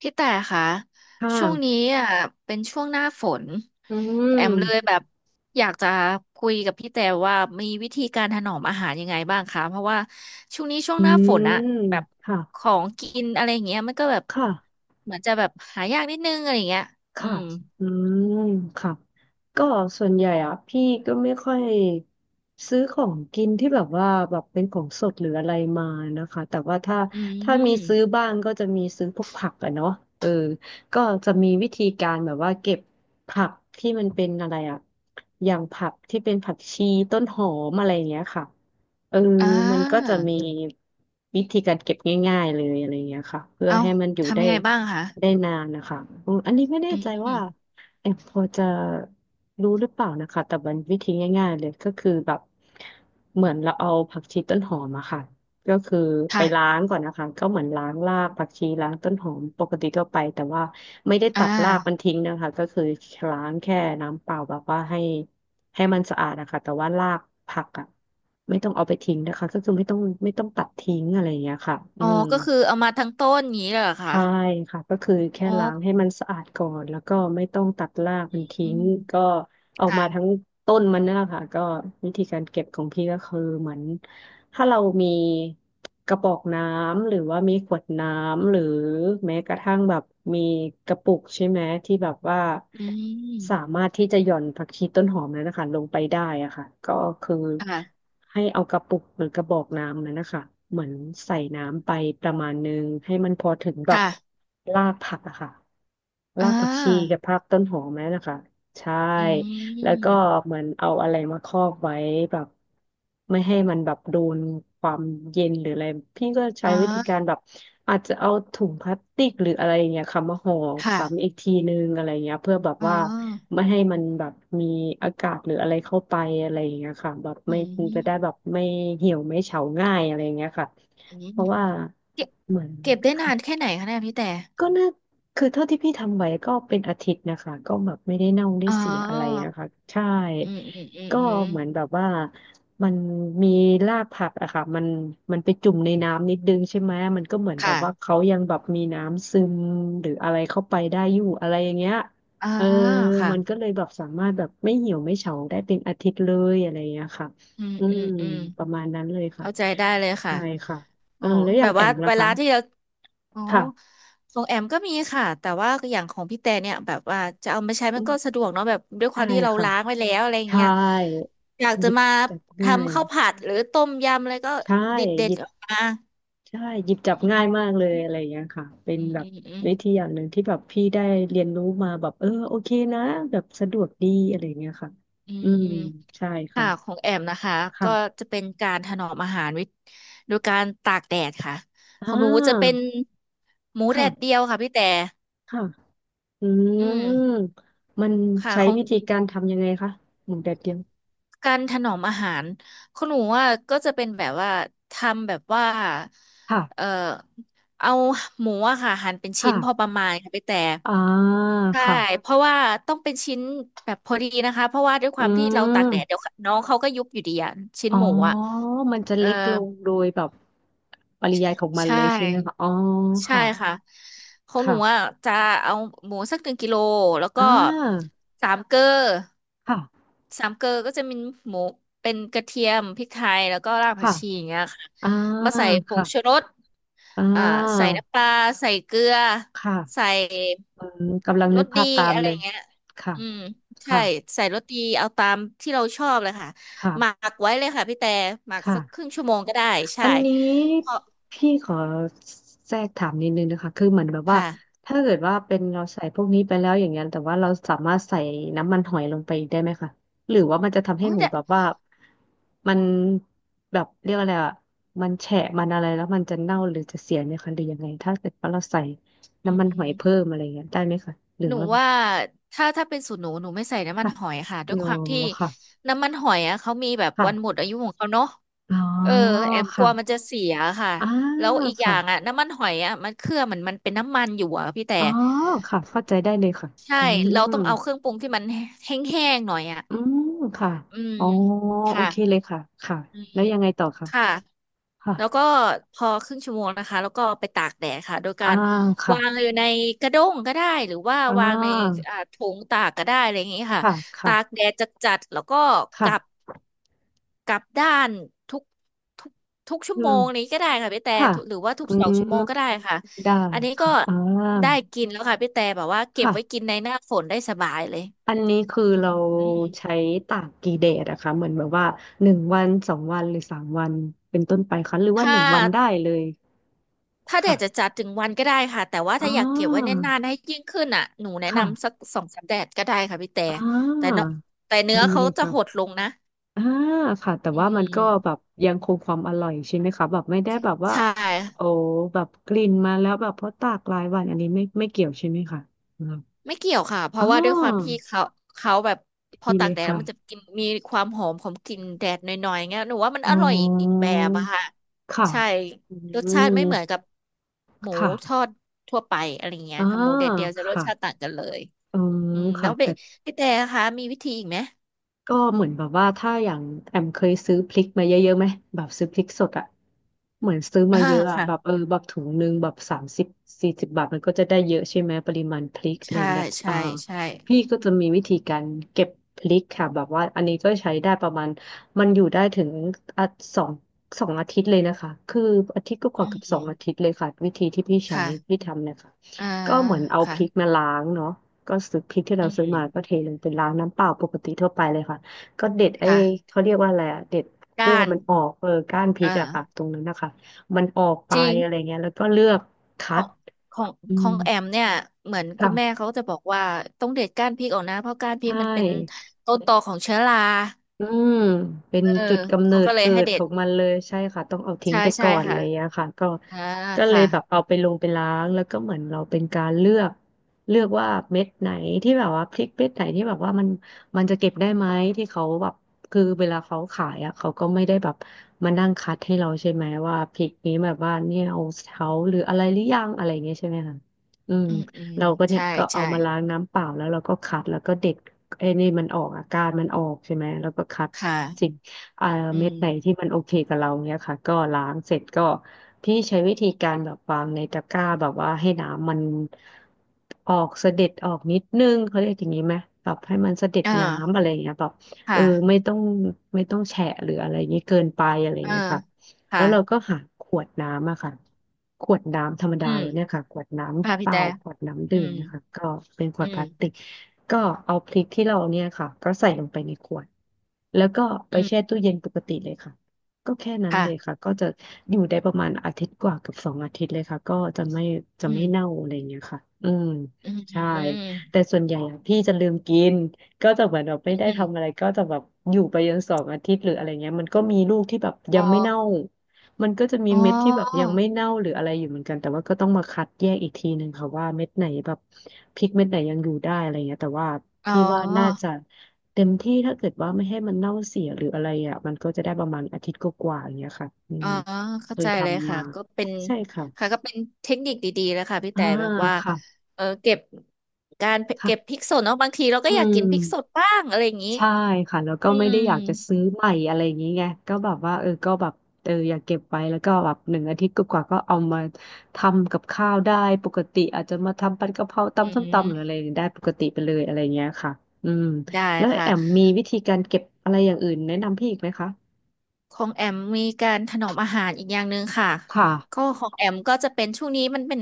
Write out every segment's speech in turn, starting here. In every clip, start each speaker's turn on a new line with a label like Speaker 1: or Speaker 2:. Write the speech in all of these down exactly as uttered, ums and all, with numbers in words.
Speaker 1: พี่แต่ค่ะ
Speaker 2: ค่
Speaker 1: ช่วงนี้
Speaker 2: ะ
Speaker 1: อ่ะเป็นช่วงหน้าฝน
Speaker 2: อื
Speaker 1: แอมเลย
Speaker 2: ม
Speaker 1: แบบอยากจะคุยกับพี่แต่ว่ามีวิธีการถนอมอาหารยังไงบ้างคะเพราะว่าช่วงนี้ช่วง
Speaker 2: อื
Speaker 1: หน้าฝนอะ
Speaker 2: ม
Speaker 1: แบบ
Speaker 2: ค่ะ
Speaker 1: ของกินอะไรอย่างเงี้ยมันก็แบบ
Speaker 2: ค่ะ
Speaker 1: เหมือนจะแบบหายากนิดนึงอะไรอย่างเงี้ยอื
Speaker 2: ค่ะ
Speaker 1: ม
Speaker 2: อืมค่ะก็ส่วนใหญ่อ่ะพี่ก็ไม่ค่อยซื้อของกินที่แบบว่าแบบเป็นของสดหรืออะไรมานะคะแต่ว่าถ้า
Speaker 1: อื
Speaker 2: ถ้ามี
Speaker 1: ม
Speaker 2: ซื้อบ้างก็จะมีซื้อพวกผักอะเนาะเออก็จะมีวิธีการแบบว่าเก็บผักที่มันเป็นอะไรอะอย่างผักที่เป็นผักชีต้นหอมอะไรอย่างเงี้ยค่ะ เออ
Speaker 1: อ่
Speaker 2: มันก็
Speaker 1: า
Speaker 2: จะมีวิธีการเก็บง่ายๆเลยอะไรอย่างเงี้ยค่ะเพื่อ
Speaker 1: เอา
Speaker 2: ให้มันอยู่
Speaker 1: ทำ
Speaker 2: ได้
Speaker 1: ยังไงบ้างคะ
Speaker 2: ได้นานนะคะอืมอันนี้ไม่แน่
Speaker 1: อื
Speaker 2: ใจว่า
Speaker 1: ม
Speaker 2: แอมพอจะรู้หรือเปล่านะคะแต่มันวิธีง่ายๆเลยก็คือแบบเหมือนเราเอาผักชีต้นหอมอะค่ะ ก็คือไปล้า
Speaker 1: ค่ะ
Speaker 2: งก่อนนะคะก็เหมือนล้างรากผักชีล้างต้นหอมปกติทั่วไปแต่ว่าไม่ได้
Speaker 1: อ่า
Speaker 2: ตัดรากมันทิ้งนะคะก็คือล้างแค่น้ำเปล่าแบบว่าให้ให้มันสะอาดนะคะแต่ว่ารากผักอ่ะไม่ต้องเอาไปทิ้งนะคะก็คือไม่ต้องไม่ต้องตัดทิ้งอะไรอย่างเงี้ยค่ะอื
Speaker 1: อ๋อ
Speaker 2: ม
Speaker 1: ก็คือเอามาทั้งต้นอย่างนี้เลยเหรอคะ
Speaker 2: ใช่ค่ะก็คือแค่
Speaker 1: อ๋อ
Speaker 2: ล้างให้มันสะอาดก่อนแล้วก็ไม่ต้องตัดรากมัน
Speaker 1: อื
Speaker 2: ทิ้ง
Speaker 1: ม
Speaker 2: ก็ ออก
Speaker 1: ค่ะ
Speaker 2: มาทั้งต้นมันนั่นแหละค่ะก็วิธีการเก็บของพี่ก็คือเหมือนถ้าเรามีกระบอกน้ำหรือว่ามีขวดน้ำหรือแม้กระทั่งแบบมีกระปุกใช่ไหมที่แบบว่า
Speaker 1: อืม
Speaker 2: สามารถที่จะหย่อนผักชีต้นหอมนั้นนะคะลงไปได้อะค่ะก็คือ
Speaker 1: ค่ะ
Speaker 2: ให้เอากระปุกหรือกระบอกน้ำนั้นนะคะเหมือนใส่น้ำไปประมาณนึงให้มันพอถึงแบบ
Speaker 1: ค่ะ
Speaker 2: รากผักอะค่ะ
Speaker 1: อ่
Speaker 2: รากผักชี
Speaker 1: า
Speaker 2: กับรากต้นหอมนั่นนะคะใช่
Speaker 1: อื
Speaker 2: แล้วก็
Speaker 1: ม
Speaker 2: เหมือนเอาอะไรมาครอบไว้แบบไม่ให้มันแบบโดนความเย็นหรืออะไรพี่ก็ใช้
Speaker 1: อ๋
Speaker 2: วิธีกา
Speaker 1: อ
Speaker 2: รแบบอาจจะเอาถุงพลาสติกหรืออะไรอย่างเงี้ยค่ะมาห่อ
Speaker 1: ค่ะ
Speaker 2: ซ้ำอีกทีนึงอะไรอย่างเงี้ยเพื่อแบบ
Speaker 1: อ๋อ
Speaker 2: ว่าไม่ให้มันแบบมีอากาศหรืออะไรเข้าไปอะไรอย่างเงี้ยค่ะแบบ
Speaker 1: อื
Speaker 2: ไม่จะได้แบบ
Speaker 1: ม
Speaker 2: ไม่เหี่ยวไม่เฉาง่ายอะไรอย่างเงี้ยค่ะ
Speaker 1: อื
Speaker 2: เพ
Speaker 1: ม
Speaker 2: ราะว่า
Speaker 1: เก็บ
Speaker 2: เหมือน
Speaker 1: เก็บได้นานแค่ไหนคะเนี่ยพี่แต่
Speaker 2: ก็น่าคือเท่าที่พี่ทำไว้ก็เป็นอาทิตย์นะคะก็แบบไม่ได้เน่าได้
Speaker 1: อ๋อ
Speaker 2: เสียอะไรนะคะใช่
Speaker 1: อืมอืมอืม
Speaker 2: ก็
Speaker 1: อืม
Speaker 2: เหมือนแบบว่ามันมีรากผักอะค่ะมันมันไปจุ่มในน้ำนิดนึงใช่ไหมมันก็เหมือนแบบ
Speaker 1: ค่ะ
Speaker 2: ว่าเขายังแบบมีน้ำซึมหรืออะไรเข้าไปได้อยู่อะไรอย่างเงี้ย
Speaker 1: อ่า
Speaker 2: เออ
Speaker 1: ค่ะ
Speaker 2: มันก็เลยแบบสามารถแบบไม่เหี่ยวไม่เฉาได้เป็นอาทิตย์เลยอะไรอย่างเงี้ยค่ะ
Speaker 1: อืม
Speaker 2: อื
Speaker 1: อื
Speaker 2: ม
Speaker 1: มอืม
Speaker 2: ประมาณนั้นเลยค่ะ
Speaker 1: เข้าใจได้เลย
Speaker 2: ใช่
Speaker 1: ค่ะ
Speaker 2: ค่ะเอ
Speaker 1: อ๋อ
Speaker 2: อแล้วอ
Speaker 1: แบ
Speaker 2: ย่าง
Speaker 1: บ
Speaker 2: แอ
Speaker 1: ว่า
Speaker 2: มล่ะ
Speaker 1: เว
Speaker 2: คะ
Speaker 1: ลาที่เรา อ๋อ
Speaker 2: ค่ะ
Speaker 1: ของแอมก็มีค่ะแต่ว่าอย่างของพี่แต่เนี่ยแบบว่าจะเอามาใช้มั
Speaker 2: อื
Speaker 1: นก็
Speaker 2: ม
Speaker 1: สะดวกเนาะแบบด้วยควา
Speaker 2: ใช่
Speaker 1: มที่เรา
Speaker 2: ค่ะ
Speaker 1: ล้างไว้แล้วอะไรอย่าง
Speaker 2: ใช่
Speaker 1: เงี้ยอยาก
Speaker 2: ห
Speaker 1: จะ
Speaker 2: ยิบ
Speaker 1: มา
Speaker 2: จับง่าย
Speaker 1: ทำข้าวผัดหรือต้มยำอะไรก็
Speaker 2: ใช่
Speaker 1: ดิดเด็
Speaker 2: ห
Speaker 1: ด
Speaker 2: ยิบ
Speaker 1: ออกมา
Speaker 2: ใช่หยิบจับ
Speaker 1: อื
Speaker 2: ง่ายมา
Speaker 1: ม
Speaker 2: กเลยอะไรอย่างเงี้ยค่ะเป็น
Speaker 1: อืม
Speaker 2: แบบ
Speaker 1: อืมอืม
Speaker 2: วิธีอย่างหนึ่งที่แบบพี่ได้เรียนรู้มาแบบเออโอเคนะแบบสะดวกดีอะไรอย่างเงี้ยค่ะ
Speaker 1: อื
Speaker 2: อื
Speaker 1: ม
Speaker 2: ม
Speaker 1: อืม
Speaker 2: ใช่ค่ะ
Speaker 1: ค่ะของแอมนะคะก็
Speaker 2: ค่ะ
Speaker 1: จะเป็นการถนอมอาหารวิโดยการตากแดดค่ะ
Speaker 2: อ่
Speaker 1: ของหนูจะเป็น
Speaker 2: า
Speaker 1: หมูแด
Speaker 2: ค่ะ
Speaker 1: ดเดียวค่ะพี่แต่
Speaker 2: ค่ะอื
Speaker 1: อืม
Speaker 2: มมัน
Speaker 1: ค่ะ
Speaker 2: ใช้
Speaker 1: ของ
Speaker 2: วิธีการทำยังไงคะหมูแดดเดียว
Speaker 1: การถนอมอาหารคุณหนูว่าก็จะเป็นแบบว่าทำแบบว่าเอ่อ
Speaker 2: ค่ะ
Speaker 1: เอาหมูอะค่ะหั่นเป็น
Speaker 2: ค่ะ
Speaker 1: ชิ้นพอประมาณค่ะไปแต่
Speaker 2: อ่า
Speaker 1: ใช่
Speaker 2: ค่ะ
Speaker 1: เพราะว่าต้องเป็นชิ้นแบบพอดีนะคะเพราะว่าด้วยค
Speaker 2: อื
Speaker 1: วามที่เราตากแดดเดี๋
Speaker 2: ม
Speaker 1: ยวน้องเขาก็ยุบอยู่ดีอะชิ้น
Speaker 2: อ๋อ
Speaker 1: หมูอะ
Speaker 2: มันจะ
Speaker 1: เออ
Speaker 2: เล็กลงโดยแบบปริยายของมัน
Speaker 1: ใช่
Speaker 2: เลยใช่ไหมคะอ๋อ
Speaker 1: ใช่
Speaker 2: ค่ะ
Speaker 1: ค่ะของหนูอ่ะ
Speaker 2: ค่ะ
Speaker 1: จะเอาหมูสักหนึ่งกิโลแล้ว
Speaker 2: อ่
Speaker 1: ก็
Speaker 2: า
Speaker 1: สามเกลอ
Speaker 2: ค่ะ
Speaker 1: สามเกลอก็จะมีหมูเป็นกระเทียมพริกไทยแล้วก็รากผัก
Speaker 2: ค่ะ
Speaker 1: ชีอย่างเงี้ยค่ะ
Speaker 2: อ่า
Speaker 1: มาใส่ผง
Speaker 2: ค่ะ
Speaker 1: ชูรส
Speaker 2: อ่
Speaker 1: อ่าใส่
Speaker 2: า
Speaker 1: น้ำปลาใส่เกลือ
Speaker 2: ค
Speaker 1: ใส่
Speaker 2: ่ะอืมกำลัง
Speaker 1: ร
Speaker 2: นึก
Speaker 1: ส
Speaker 2: ภา
Speaker 1: ดี
Speaker 2: พตาม
Speaker 1: อะไร
Speaker 2: เลย
Speaker 1: เงี้ย
Speaker 2: ค่ะ
Speaker 1: อืมใช่
Speaker 2: ค่ะ
Speaker 1: ใส่รสดีเอาตามที่เราชอบเลยค่ะหมั
Speaker 2: ค่ะ
Speaker 1: กไว้เลยค่ะพี่แต่หมัก
Speaker 2: ค่ะ
Speaker 1: สักครึ่งชั่วโมงก็ได้
Speaker 2: อั
Speaker 1: ใช่
Speaker 2: นนี้
Speaker 1: พอ
Speaker 2: พี่ขอแทรกถามนิดนึงนะคะ คือเหมือนแบบว่า
Speaker 1: ค่ะ
Speaker 2: ถ้าเกิดว่าเป็นเราใส่พวกนี้ไปแล้วอย่างเงี้ยแต่ว่าเราสามารถใส่น้ำมันหอยลงไปได้ไหมคะหรือว่ามันจะทำให้
Speaker 1: โอ้ย
Speaker 2: หมู
Speaker 1: แต่
Speaker 2: แบบว่ามันแบบเรียกอะไรอ่ะมันแฉะมันอะไรแล้วมันจะเน่าหรือจะเสียไหมคะหรือยังไงถ้าเกิดว่าเราใส่
Speaker 1: อื
Speaker 2: น้ำมันหอยเพิ่
Speaker 1: ม
Speaker 2: มอะไรเงี้ยได้ไหมคะหรือ
Speaker 1: หนู
Speaker 2: ว่า
Speaker 1: ว่าถ้าถ้าเป็นสูตรหนูหนูไม่ใส่น้ำมัน
Speaker 2: ค่ะ
Speaker 1: หอยค่ะ
Speaker 2: อ๋
Speaker 1: ด้วย
Speaker 2: อ
Speaker 1: ความที่
Speaker 2: ค่ะ
Speaker 1: น้ำมันหอยอ่ะเขามีแบบวันหมด
Speaker 2: ค่ะ
Speaker 1: อายุของเขาเนาะ
Speaker 2: อ๋อ
Speaker 1: เออแอมกลั
Speaker 2: ค่ะ
Speaker 1: วมันจะเสียค่ะ
Speaker 2: อ่า
Speaker 1: แล้วอีกอย่า
Speaker 2: ค่ะ
Speaker 1: งอ่ะน้ำมันหอยอ่ะมันเครื่องมันมันเป็นน้ำมันอยู่อ่ะพี่แต่
Speaker 2: อ๋อค่ะเข้าใจได้เลยค่ะ
Speaker 1: ใช่
Speaker 2: อื
Speaker 1: เรา
Speaker 2: ม
Speaker 1: ต้องเอาเครื่องปรุงที่มันแห้งๆหน่อยอ่ะ
Speaker 2: อืมค่ะ
Speaker 1: อืม
Speaker 2: อ๋อโอ
Speaker 1: ค่ะ
Speaker 2: เคเลยค่ะค่ะ
Speaker 1: อืม
Speaker 2: แล้วยังไงต่อค่ะ
Speaker 1: ค่ะ
Speaker 2: ค่ะ
Speaker 1: แล้วก็พอครึ่งชั่วโมงนะคะแล้วก็ไปตากแดดค่ะโดยกา
Speaker 2: อ่า
Speaker 1: ร
Speaker 2: ค่ะ
Speaker 1: วางอยู่ในกระด้งก็ได้หรือว่า
Speaker 2: อ่
Speaker 1: วางใน
Speaker 2: า
Speaker 1: อ่าถุงตากก็ได้อะไรอย่างนี้ค่ะ
Speaker 2: ค่ะ
Speaker 1: ตาก
Speaker 2: ค่ะ
Speaker 1: แดดจัดๆแล้วก็กลับ
Speaker 2: ค่ะ
Speaker 1: กลับด้านทุกทุกทุกชั่
Speaker 2: อื
Speaker 1: วโม
Speaker 2: ม
Speaker 1: งนี้ก็ได้ค่ะพี่แต่
Speaker 2: ค่ะ
Speaker 1: ทุกหรือว่าทุ
Speaker 2: อื
Speaker 1: กสอง
Speaker 2: ม
Speaker 1: ชั่วโมงก็ได้ค่ะ
Speaker 2: ได้
Speaker 1: อันนี้ก็
Speaker 2: ค่ะอ่า
Speaker 1: ได้กินแล้วค่ะพี่แต่แบบว่าเก็บไว้
Speaker 2: ค่ะ
Speaker 1: กินในหน้าฝนได้สบายเลย
Speaker 2: อันนี้คือ
Speaker 1: อื
Speaker 2: เรา
Speaker 1: ม
Speaker 2: ใช้ตากกี่แดดอะคะเหมือนแบบว่าหนึ่งวันสองวันหรือสามวันเป็นต้นไปคะหรือว่าห
Speaker 1: ถ้า
Speaker 2: นึ่งวันได้เลย
Speaker 1: ถ้าแด
Speaker 2: ค่ะ
Speaker 1: ดจะจัดถึงวันก็ได้ค่ะแต่ว่า
Speaker 2: อ่
Speaker 1: ถ้าอยากเก็บไว้
Speaker 2: า
Speaker 1: นานๆให้ยิ่งขึ้นอ่ะหนูแนะนำสัก
Speaker 2: ค่ะ
Speaker 1: สองสามแดดก็ได้ค่ะพี่แต่
Speaker 2: อ่
Speaker 1: แต่
Speaker 2: า
Speaker 1: เนอะแต่เนื้อ
Speaker 2: ดี
Speaker 1: เขา
Speaker 2: เลย
Speaker 1: จะ
Speaker 2: ค่ะ
Speaker 1: หดลงนะ
Speaker 2: อ่าค่ะแต่
Speaker 1: อื
Speaker 2: ว่ามันก็แบบ
Speaker 1: ม
Speaker 2: ยังคงความอร่อยใช่ไหมคะแบบไม่ได้แบบว่า
Speaker 1: ใช
Speaker 2: โอ้
Speaker 1: ่
Speaker 2: แบบกลิ่นมาแล้วแบบเพราะตากหลายวันอันนี้ไม่ไม่เกี่ยวใช่ไหมคะอืม
Speaker 1: ไม่เกี่ยวค่ะเพ
Speaker 2: อ๋อ
Speaker 1: ราะว่าด้วยความที่เขาเขาแบบพอ
Speaker 2: ดีเล
Speaker 1: ตาก
Speaker 2: ย
Speaker 1: แดดแล้ว
Speaker 2: ค่ะ
Speaker 1: มันจะกินมีความหอมของกลิ่นแดดหน่อยๆเงี้ยหนูว่ามัน
Speaker 2: อ๋
Speaker 1: อร่อยอีกอีก
Speaker 2: อ
Speaker 1: แบบอะค่ะ
Speaker 2: ค่ะ
Speaker 1: ใช่
Speaker 2: อื
Speaker 1: รสชา
Speaker 2: ม
Speaker 1: ติไม่เหมือนกับหมูทอ
Speaker 2: ค่ะ
Speaker 1: ดทั่วไปอะไรเงี้ย
Speaker 2: อ่า
Speaker 1: ค่ะหมูแดดเดียวจะรส
Speaker 2: ค่ะ
Speaker 1: ชาติต่างกันเลย
Speaker 2: อืม
Speaker 1: อืมแล้
Speaker 2: ค่ะ
Speaker 1: วพี่
Speaker 2: แต่
Speaker 1: พี่แต่คะมีวิธีอีกไหม
Speaker 2: ก็เหมือนแบบว่าถ้าอย่างแอมเคยซื้อพริกมาเยอะๆไหมแบบซื้อพริกสดอะเหมือนซื้อ
Speaker 1: อ่า
Speaker 2: มาเยอะอะ
Speaker 1: ค่ะ
Speaker 2: แบบเออแบบถุงหนึงแบบสามสิบสี่สิบบาทมันก็จะได้เยอะใช่ไหมปริมาณพริกอะไรอ
Speaker 1: ใช่
Speaker 2: ย่างเงี้ยอ่า
Speaker 1: ใช่ใช่
Speaker 2: พี่ก็จะมีวิธีการเก็บพริกค่ะแบบว่าอันนี้ก็ใช้ได้ประมาณมันอยู่ได้ถึงอ่ะสองสองอาทิตย์เลยนะคะคืออาทิตย์ก็ก
Speaker 1: อื
Speaker 2: ว่าๆเกับสองอาทิ
Speaker 1: ม
Speaker 2: ตย์เลยค่ะวิธีที่พี่ใช้
Speaker 1: ค่ะ
Speaker 2: พี่ทำเนี่ยค่ะ
Speaker 1: อ่า
Speaker 2: ก็เหมือนเอาพ
Speaker 1: ค่ะ
Speaker 2: ริกมาล้างเนาะ ก็ซื้อพริกที่
Speaker 1: อื
Speaker 2: เราซื้อมาก็เท
Speaker 1: ม
Speaker 2: ลงเป็นล้างน้ำเปล่าปกติทั่วไปเลยค่ะก็เด็ดไอ้
Speaker 1: ค่ะ
Speaker 2: เขาเรียกว่าอะไรอะเด็ดคั่ว
Speaker 1: ก้าน
Speaker 2: มันออกเออก้านพริ
Speaker 1: อ่า
Speaker 2: กอะค่ะตรงนั้นนะคะมันออกไป
Speaker 1: จริ
Speaker 2: อะไร
Speaker 1: ง
Speaker 2: เงี้ยแล้วก็เลือก
Speaker 1: ข
Speaker 2: คั
Speaker 1: อ
Speaker 2: ด
Speaker 1: งของ
Speaker 2: อื
Speaker 1: ขอ
Speaker 2: ม
Speaker 1: งแอมเนี่ยเหมือนคุ
Speaker 2: ค่ะ
Speaker 1: ณแม่เขาจะบอกว่าต้องเด็ดก้านพริกออกนะเพราะก้านพริ
Speaker 2: ใช่
Speaker 1: กมันเป็นต้นตอของเชื้อรา
Speaker 2: อืมเป็น
Speaker 1: เออ
Speaker 2: จุดกำเนิ
Speaker 1: เขา
Speaker 2: ด
Speaker 1: ก็เลย
Speaker 2: เกิ
Speaker 1: ให้
Speaker 2: ด
Speaker 1: เด็
Speaker 2: ขอ
Speaker 1: ด
Speaker 2: งมันเลยใช่ค่ะต้องเอาทิ้ง
Speaker 1: ใช่
Speaker 2: ไป
Speaker 1: ใช่
Speaker 2: ก่อนอะ
Speaker 1: ค่ะ
Speaker 2: ไรอย่างเงี้ยค่ะก็
Speaker 1: อ่า
Speaker 2: ก็เล
Speaker 1: ค่ะ
Speaker 2: ยแบบเอาไปลงไปล้างแล้วก็เหมือนเราเป็นการเลือกเลือกว่าเม็ดไหนที่แบบว่าพริกเม็ดไหนที่แบบว่ามันมันจะเก็บได้ไหมที่เขาแบบคือเวลาเขาขายอ่ะเขาก็ไม่ได้แบบมานั่งคัดให้เราใช่ไหมว่าพริกนี้แบบว่าเนี่ยเอาเขาหรืออะไรหรือยังอะไรอย่างเงี้ยใช่ไหมคะอืม
Speaker 1: อืมอืม
Speaker 2: เราก็เนี่ย
Speaker 1: ใช่
Speaker 2: ก็เอา
Speaker 1: ใช่
Speaker 2: มาล้างน้ำเปล่าแล้วเราก็คัดแล้วก็เด็ด ไอ้นี่มันออกอาการมันออกใช่ไหมแล้วก็คัด
Speaker 1: ค่ะ
Speaker 2: สิ่งเอ่อ
Speaker 1: อื
Speaker 2: เม็ด
Speaker 1: ม
Speaker 2: ไหนที่มันโอเคกับเราเนี้ยค่ะก็ล้างเสร็จก็พี่ใช้วิธีการแบบวางในตะกร้าแบบว่าให้น้ำมันออกเสด็จออกนิดนึงเขาเรียกอย่างนี้ไหมแบบให้มันเสด็จ
Speaker 1: อ
Speaker 2: น้ำ
Speaker 1: ่า
Speaker 2: อะไรอย่างเงี้ยแบบ
Speaker 1: ค
Speaker 2: เออไม่
Speaker 1: ่ะ
Speaker 2: ต้องไม่ต้องแฉะหรืออะไรอย่างนี้เกินไปอะไรอย่าง
Speaker 1: เอ่า
Speaker 2: เงี้ยค่ะแล้
Speaker 1: ค่ะ
Speaker 2: วเราก็หาขวดน้ำอะค่ะขวดน้ำธรรมดา
Speaker 1: อืม
Speaker 2: เราเนี่ยค่ะขวดน้ำ
Speaker 1: ค่ะ
Speaker 2: เป
Speaker 1: พี่
Speaker 2: ล่า
Speaker 1: แต่
Speaker 2: ขวดน้ำ
Speaker 1: อื
Speaker 2: ดื่ม
Speaker 1: ม
Speaker 2: เนะคะก็เป็นขว
Speaker 1: อื
Speaker 2: ดพ
Speaker 1: ม
Speaker 2: ลาสติก ก็เอาพริกที่เราเนี่ยค่ะก็ใส่ลงไปในขวดแล้วก็ไป
Speaker 1: อืม
Speaker 2: แช่ตู้เย็นปกติเลยค่ะก็แค่นั้นเลย
Speaker 1: ค่ะ
Speaker 2: ค่ะก็จะอยู่ได้ประมาณอาทิตย์กว่ากับสองอาทิตย์เลยค่ะก็จะไม่จะ
Speaker 1: อื
Speaker 2: ไม่
Speaker 1: ม
Speaker 2: เน่าอะไรอย่างเงี้ยค่ะอืม
Speaker 1: อืมอื
Speaker 2: ใช่
Speaker 1: ม
Speaker 2: แต่ส่วนใหญ่อะพี่จะลืมกินก็จะเหมือนแบบไม่ได้
Speaker 1: อื
Speaker 2: ทำอะไร
Speaker 1: ม
Speaker 2: ก็จะแบบอยู่ไปจนสองอาทิตย์หรืออะไรเงี้ยมันก็มีลูกที่แบบยั
Speaker 1: อ๋อ
Speaker 2: งไม่เน่า มันก็จะมี
Speaker 1: อ๋อ
Speaker 2: เม็ดที่แบบยังไม่เน่าหรืออะไรอยู่เหมือนกันแต่ว่าก็ต้องมาคัดแยกอีกทีหนึ่งค่ะว่าเม็ดไหนแบบพริกเม็ดไหนยังอยู่ได้อะไรเงี้ยแต่ว่า
Speaker 1: อ๋
Speaker 2: พี่ว่าน่า
Speaker 1: อ
Speaker 2: จะเต็มที่ถ้าเกิดว่าไม่ให้มันเน่าเสียหรืออะไรอ่ะมันก็จะได้ประมาณอาทิตย์กว่าๆอย่างเงี้ยค่ะอื
Speaker 1: อ๋
Speaker 2: ม
Speaker 1: อ
Speaker 2: เค
Speaker 1: เข้า
Speaker 2: ย
Speaker 1: ใจเลย
Speaker 2: ทำ
Speaker 1: ค่ะ
Speaker 2: มา
Speaker 1: ก็เป็น
Speaker 2: ใช่
Speaker 1: ค่ะ
Speaker 2: ค่ะ
Speaker 1: ก็เป็นเทคนิคดีๆแล้วค่ะพี่
Speaker 2: อ่า
Speaker 1: แต่แบบว่า
Speaker 2: ค่ะ
Speaker 1: เออเก็บการเก็บพริ
Speaker 2: ค่ะ
Speaker 1: กสดเนาะบางทีเรา
Speaker 2: อื
Speaker 1: ก็อยาก
Speaker 2: ม
Speaker 1: กินพริกสดบ้างอะไรอย่างนี้
Speaker 2: ใช่ค่ะแล้วก็
Speaker 1: อื
Speaker 2: ไม่
Speaker 1: ม
Speaker 2: ได้อยากจะซื้อใหม่อะไรอย่างนี้ไงก็แบบว่าเออก็แบบเอออยากเก็บไว้แล้วก็แบบหนึ่งอาทิตย์กว่าๆก็เอามาทำกับข้าวได้ปกติอาจจะมาทำผัดกะเพรา
Speaker 1: อื
Speaker 2: ตำส้มตำหรืออะไร
Speaker 1: ม
Speaker 2: ได้ปกติไปเลยอะไรเงี้ยค่ะอืม
Speaker 1: ได้
Speaker 2: แล้ว
Speaker 1: ค่ะ
Speaker 2: แอมมีวิธีการเก็บอะไรอย่างอื่นแนะนำพี่อีกไหมคะ
Speaker 1: ของแอมมีการถนอมอาหารอีกอย่างหนึ่งค่ะ
Speaker 2: ค่ะ
Speaker 1: ก็ของแอมก็จะเป็นช่วงนี้มันเป็น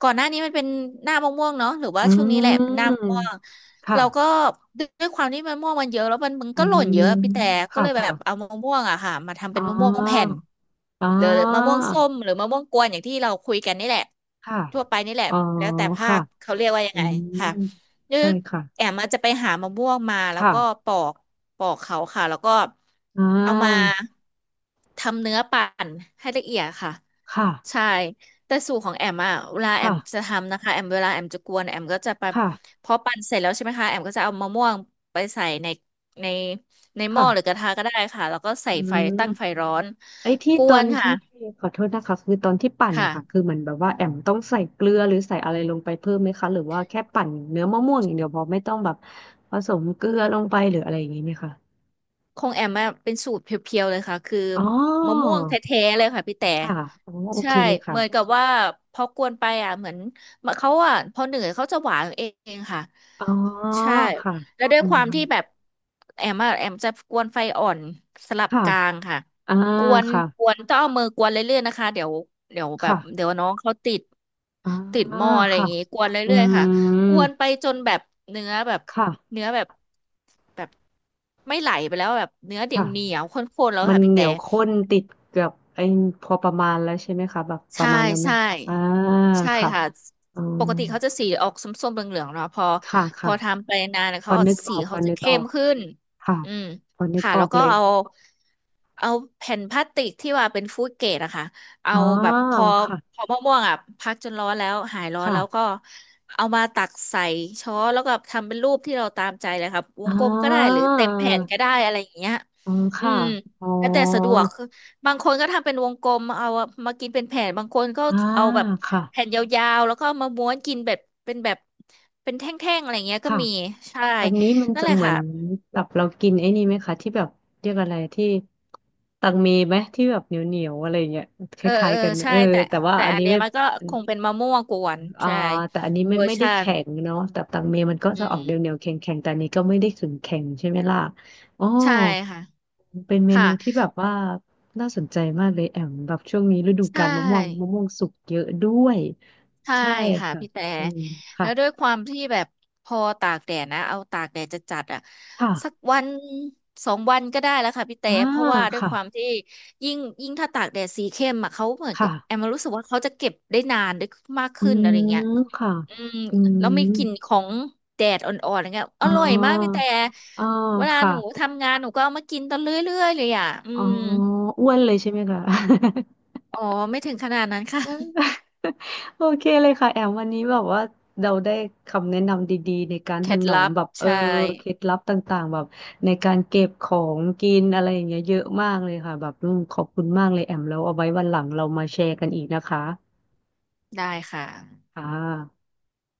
Speaker 1: ก่อนหน้านี้มันเป็นหน้ามะม่วงเนาะหรือว่า
Speaker 2: อื
Speaker 1: ช่วงนี้แหละเป็นหน้า
Speaker 2: ม
Speaker 1: มะม่วง
Speaker 2: ค่ะ
Speaker 1: เราก็ด้วยความที่มะม่วงมันเยอะแล้วมันมัน
Speaker 2: อื
Speaker 1: ก็หล่นเย
Speaker 2: ม
Speaker 1: อะพี่แต่ก็
Speaker 2: ค่ะ
Speaker 1: เลยแบบ
Speaker 2: ค่ะ
Speaker 1: เอามะม่วงอะค่ะมาทำ
Speaker 2: อ๋
Speaker 1: เป็
Speaker 2: อ
Speaker 1: นมะม่วงแผ่น
Speaker 2: อ๋อ
Speaker 1: หรือมะม่วงส้มหรือมะม่วงกวนอย่างที่เราคุยกันนี่แหละ
Speaker 2: ค่ะ
Speaker 1: ทั่วไปนี่แหละ
Speaker 2: อ๋อ
Speaker 1: แล้วแต่ภา
Speaker 2: ค่ะ
Speaker 1: คเขาเรียกว่ายัง
Speaker 2: อื
Speaker 1: ไง
Speaker 2: ม
Speaker 1: ค่ะ นึ
Speaker 2: ใช่
Speaker 1: ก
Speaker 2: ค่ะ
Speaker 1: แอมอาจจะไปหามะม่วงมาแล้วก็
Speaker 2: ค่ะ
Speaker 1: ปอกปอกเขาค่ะแล้วก็
Speaker 2: อ่
Speaker 1: เอามา
Speaker 2: า
Speaker 1: ทำเนื้อปั่นให้ละเอียดค่ะ
Speaker 2: ค่ะ
Speaker 1: ใช่แต่สูตรของแอมอะเวลาแอ
Speaker 2: ค่ะ
Speaker 1: มจะทำนะคะแอมเวลาแอมจะกวนแอมก็จะไป
Speaker 2: ค่ะ
Speaker 1: พอปั่นเสร็จแล้วใช่ไหมคะแอมก็จะเอามะม่วงไปใส่ในในในหม้อหรือก
Speaker 2: ค่ะ
Speaker 1: ระทะก็ได้ค่ะแล้วก็ใส่
Speaker 2: อื
Speaker 1: ไฟตั้งไฟ
Speaker 2: ม
Speaker 1: ร้อน
Speaker 2: ไอ้ที่
Speaker 1: ก
Speaker 2: ต
Speaker 1: ว
Speaker 2: อน
Speaker 1: นค่ะ
Speaker 2: ที่ขอโทษนะคะคือตอนที่ปั่น
Speaker 1: ค่ะ
Speaker 2: อะคะคือเหมือนแบบว่าแอมต้องใส่เกลือหรือใส่อะไรลงไปเพิ่มไหมคะหรือว่าแค่ปั่นเนื้อมะม่วงอย่างเดียวพอไม่ต้องแบบผสมเกลือลงไปหรืออะไรอย่างนี้ไหมคะ
Speaker 1: ของแอมอะเป็นสูตรเพียวๆเลยค่ะคือ
Speaker 2: อ๋อ
Speaker 1: มะม่วงแท้ๆเลยค่ะพี่แต่
Speaker 2: ค่ะอ๋อโอ
Speaker 1: ใช่
Speaker 2: เคเลย
Speaker 1: เหมือนกั
Speaker 2: ค่ะ
Speaker 1: บว่าพอกวนไปอ่ะเหมือนเขาอ่ะพอเหนื่อยเขาจะหวานเองค่ะ
Speaker 2: อ๋อ
Speaker 1: ใช่
Speaker 2: ค่ะ
Speaker 1: แล้วด้ว
Speaker 2: อื
Speaker 1: ยค
Speaker 2: ม
Speaker 1: วามที่แบบแอมอะแอมจะกวนไฟอ่อนสลับ
Speaker 2: ค่ะ
Speaker 1: กลางค่ะ
Speaker 2: อ่า
Speaker 1: กวน
Speaker 2: ค่ะ
Speaker 1: กวนต้องเอามือกวนเรื่อยๆนะคะเดี๋ยวเดี๋ยวแบบ
Speaker 2: ค่ะ
Speaker 1: เดี๋ยวน้องเขาติด
Speaker 2: อ่า
Speaker 1: ติดหม้ออะไรอย่า
Speaker 2: ค่ะ
Speaker 1: งงี้กวน
Speaker 2: อื
Speaker 1: เรื่อยๆค่ะก
Speaker 2: ม
Speaker 1: วนไปจนแบบเนื้อแบบ
Speaker 2: ค่ะ
Speaker 1: เนื้อแบบแบบไม่ไหลไปแล้วแบบเนื้อเดียวเหนี
Speaker 2: ค่ะ
Speaker 1: ยวข้นๆแล้ว
Speaker 2: มัน
Speaker 1: ค่ะพี่
Speaker 2: เหนี
Speaker 1: แต่
Speaker 2: ยวข้นติดกับไอ้พอประมาณแล้วใช่ไหมคะแบบประ
Speaker 1: ใช่
Speaker 2: มาณนั้นไหม
Speaker 1: ใช่
Speaker 2: อ่า
Speaker 1: ใช่
Speaker 2: ค่ะ
Speaker 1: ค่ะ
Speaker 2: อื
Speaker 1: ป
Speaker 2: ม
Speaker 1: กติเขาจะสีออกส้มๆเหลืองๆเนาะพอ
Speaker 2: ค่ะ
Speaker 1: พ
Speaker 2: ค่ะ
Speaker 1: อทำไปนานๆ
Speaker 2: พ
Speaker 1: เขา
Speaker 2: อ
Speaker 1: ออก
Speaker 2: นึก
Speaker 1: จะ
Speaker 2: อ
Speaker 1: สี
Speaker 2: อกพ
Speaker 1: เขา
Speaker 2: อ
Speaker 1: จะ
Speaker 2: นึกอ
Speaker 1: เข้
Speaker 2: อ
Speaker 1: ม
Speaker 2: ก
Speaker 1: ขึ้น
Speaker 2: ค่ะ
Speaker 1: อืม
Speaker 2: พอนึก
Speaker 1: ค่ะ
Speaker 2: ออ
Speaker 1: แล้ว
Speaker 2: ก
Speaker 1: ก็
Speaker 2: เลย
Speaker 1: เอาเอาแผ่นพลาสติกที่ว่าเป็นฟู้ดเกรดอะค่ะเอา
Speaker 2: อ๋อ
Speaker 1: แบบพอ
Speaker 2: ค่ะ
Speaker 1: พอมะม่วงๆอะพักจนร้อนแล้วหายร้อนแล้วก็
Speaker 2: ค่ะ
Speaker 1: เอามาตักใส่ช้อนแล้วก็ทำเป็นรูปที่เราตามใจเลยครับว
Speaker 2: อ่
Speaker 1: งกลมก็ได้หรื
Speaker 2: า
Speaker 1: อเต็มแผ่นก็ได้อะไรอย่างเงี้ย
Speaker 2: อืม
Speaker 1: อื
Speaker 2: ค่ะ
Speaker 1: ม
Speaker 2: อ๋อ
Speaker 1: แล้วแต่สะดวก บางคนก็ทำเป็นวงกลมเอามากินเป็นแผ่นบางคนก็
Speaker 2: อ่า
Speaker 1: เอาแบบ
Speaker 2: ค่ะ
Speaker 1: แผ่นยาวๆแล้วก็เอามาม้วนกินแบบเป็นแบบเป็นแท่งๆอะไรเงี้ยก็
Speaker 2: ค่ะ
Speaker 1: มีใช่
Speaker 2: อันนี้มัน
Speaker 1: นั่น
Speaker 2: จะ
Speaker 1: แหละ
Speaker 2: เหมือ
Speaker 1: ค่ะ
Speaker 2: นแบบเรากินไอ้นี่ไหมคะที่แบบเรียกอะไรที่ตังเมไหมที่แบบเหนียวเหนียวอะไรอย่างเงี้ยค
Speaker 1: เออ
Speaker 2: ล้าย
Speaker 1: เออ
Speaker 2: ๆกัน
Speaker 1: ใช่
Speaker 2: เออ
Speaker 1: แต่
Speaker 2: แต่ว่า
Speaker 1: แต่
Speaker 2: อัน
Speaker 1: อัน
Speaker 2: นี้
Speaker 1: เนี้
Speaker 2: ไม่
Speaker 1: ยมันก็คงเป็นมะม่วงกวน
Speaker 2: อ่า
Speaker 1: ใช่
Speaker 2: แต่อันนี้ไม่
Speaker 1: เวอร์
Speaker 2: ไม่ได้
Speaker 1: ชัน
Speaker 2: แข็งเนาะแต่ตังเมมันก็
Speaker 1: อื
Speaker 2: จะออกเดียวเดีย
Speaker 1: ม
Speaker 2: วแข็งแข็งๆแต่อันนี้ก็ไม่ได้ขึงแข็งใช่ไหมล่ะอ๋อ
Speaker 1: ใช่ค่ะ
Speaker 2: เป็นเม
Speaker 1: ค่ะ
Speaker 2: นูที่แบบว่าน่าสนใจมากเลยแอมแบบช่วงนี้ฤดู
Speaker 1: ใช
Speaker 2: กาลมะม่วงมะ
Speaker 1: ่
Speaker 2: ม่วงสุกเยอะด้วย
Speaker 1: ใช่
Speaker 2: ใช่
Speaker 1: ค่ะ
Speaker 2: ค่ะ
Speaker 1: พี่แต่
Speaker 2: อืม
Speaker 1: แล้
Speaker 2: ค่ะ
Speaker 1: วด้วยความที่แบบพอตากแดดนะเอาตากแดดจะจัดๆอ่ะสัก
Speaker 2: ค่ะ
Speaker 1: วันสองวันก็ได้แล้วค่ะพี่แต่
Speaker 2: อ่า
Speaker 1: เพราะว่าด้วยความ
Speaker 2: ค่ะ
Speaker 1: ที่ยิ่งยิ่งถ้าตากแดดสีเข้มอ่ะเขาเหมือนกั
Speaker 2: ค่ะ
Speaker 1: บแอมรู้สึกว่าเขาจะเก็บได้นานได้มาก
Speaker 2: อื
Speaker 1: ขึ้นอะไรเงี้ย
Speaker 2: มค่ะ
Speaker 1: อืม
Speaker 2: อืม
Speaker 1: แล้วมีกลิ่นของแดดอ่อนๆอะไรเงี้ยอ
Speaker 2: อ๋อ
Speaker 1: ร่อยมากพี่แต่
Speaker 2: อ๋อ
Speaker 1: เวลา
Speaker 2: ค่ะ
Speaker 1: หนูทำงานหนูก็เอามากินตอนเรื่อยๆเลยอ่ะอื
Speaker 2: อ๋อ
Speaker 1: ม
Speaker 2: อ้วนเลยใช่ไหมคะ
Speaker 1: อ๋อไม่ถึงขนาดนั้นค่ะ
Speaker 2: โอเคเลยค่ะแอมวันนี้แบบว่าเราได้คำแนะนำดีๆในการ
Speaker 1: เค
Speaker 2: ถ
Speaker 1: ล็ด
Speaker 2: นอม
Speaker 1: ลับ
Speaker 2: แบบเออ
Speaker 1: ใช่
Speaker 2: เคล็ดลับต่างๆแบบในการเก็บของกินอะไรอย่างเงี้ยเยอะมากเลยค่ะแบบอืมขอบคุณมากเลยแอมแล้วเอาไว้วันหลังเรามาแชร์กันอีกนะคะ
Speaker 1: ได้ค่ะ
Speaker 2: ค่ะ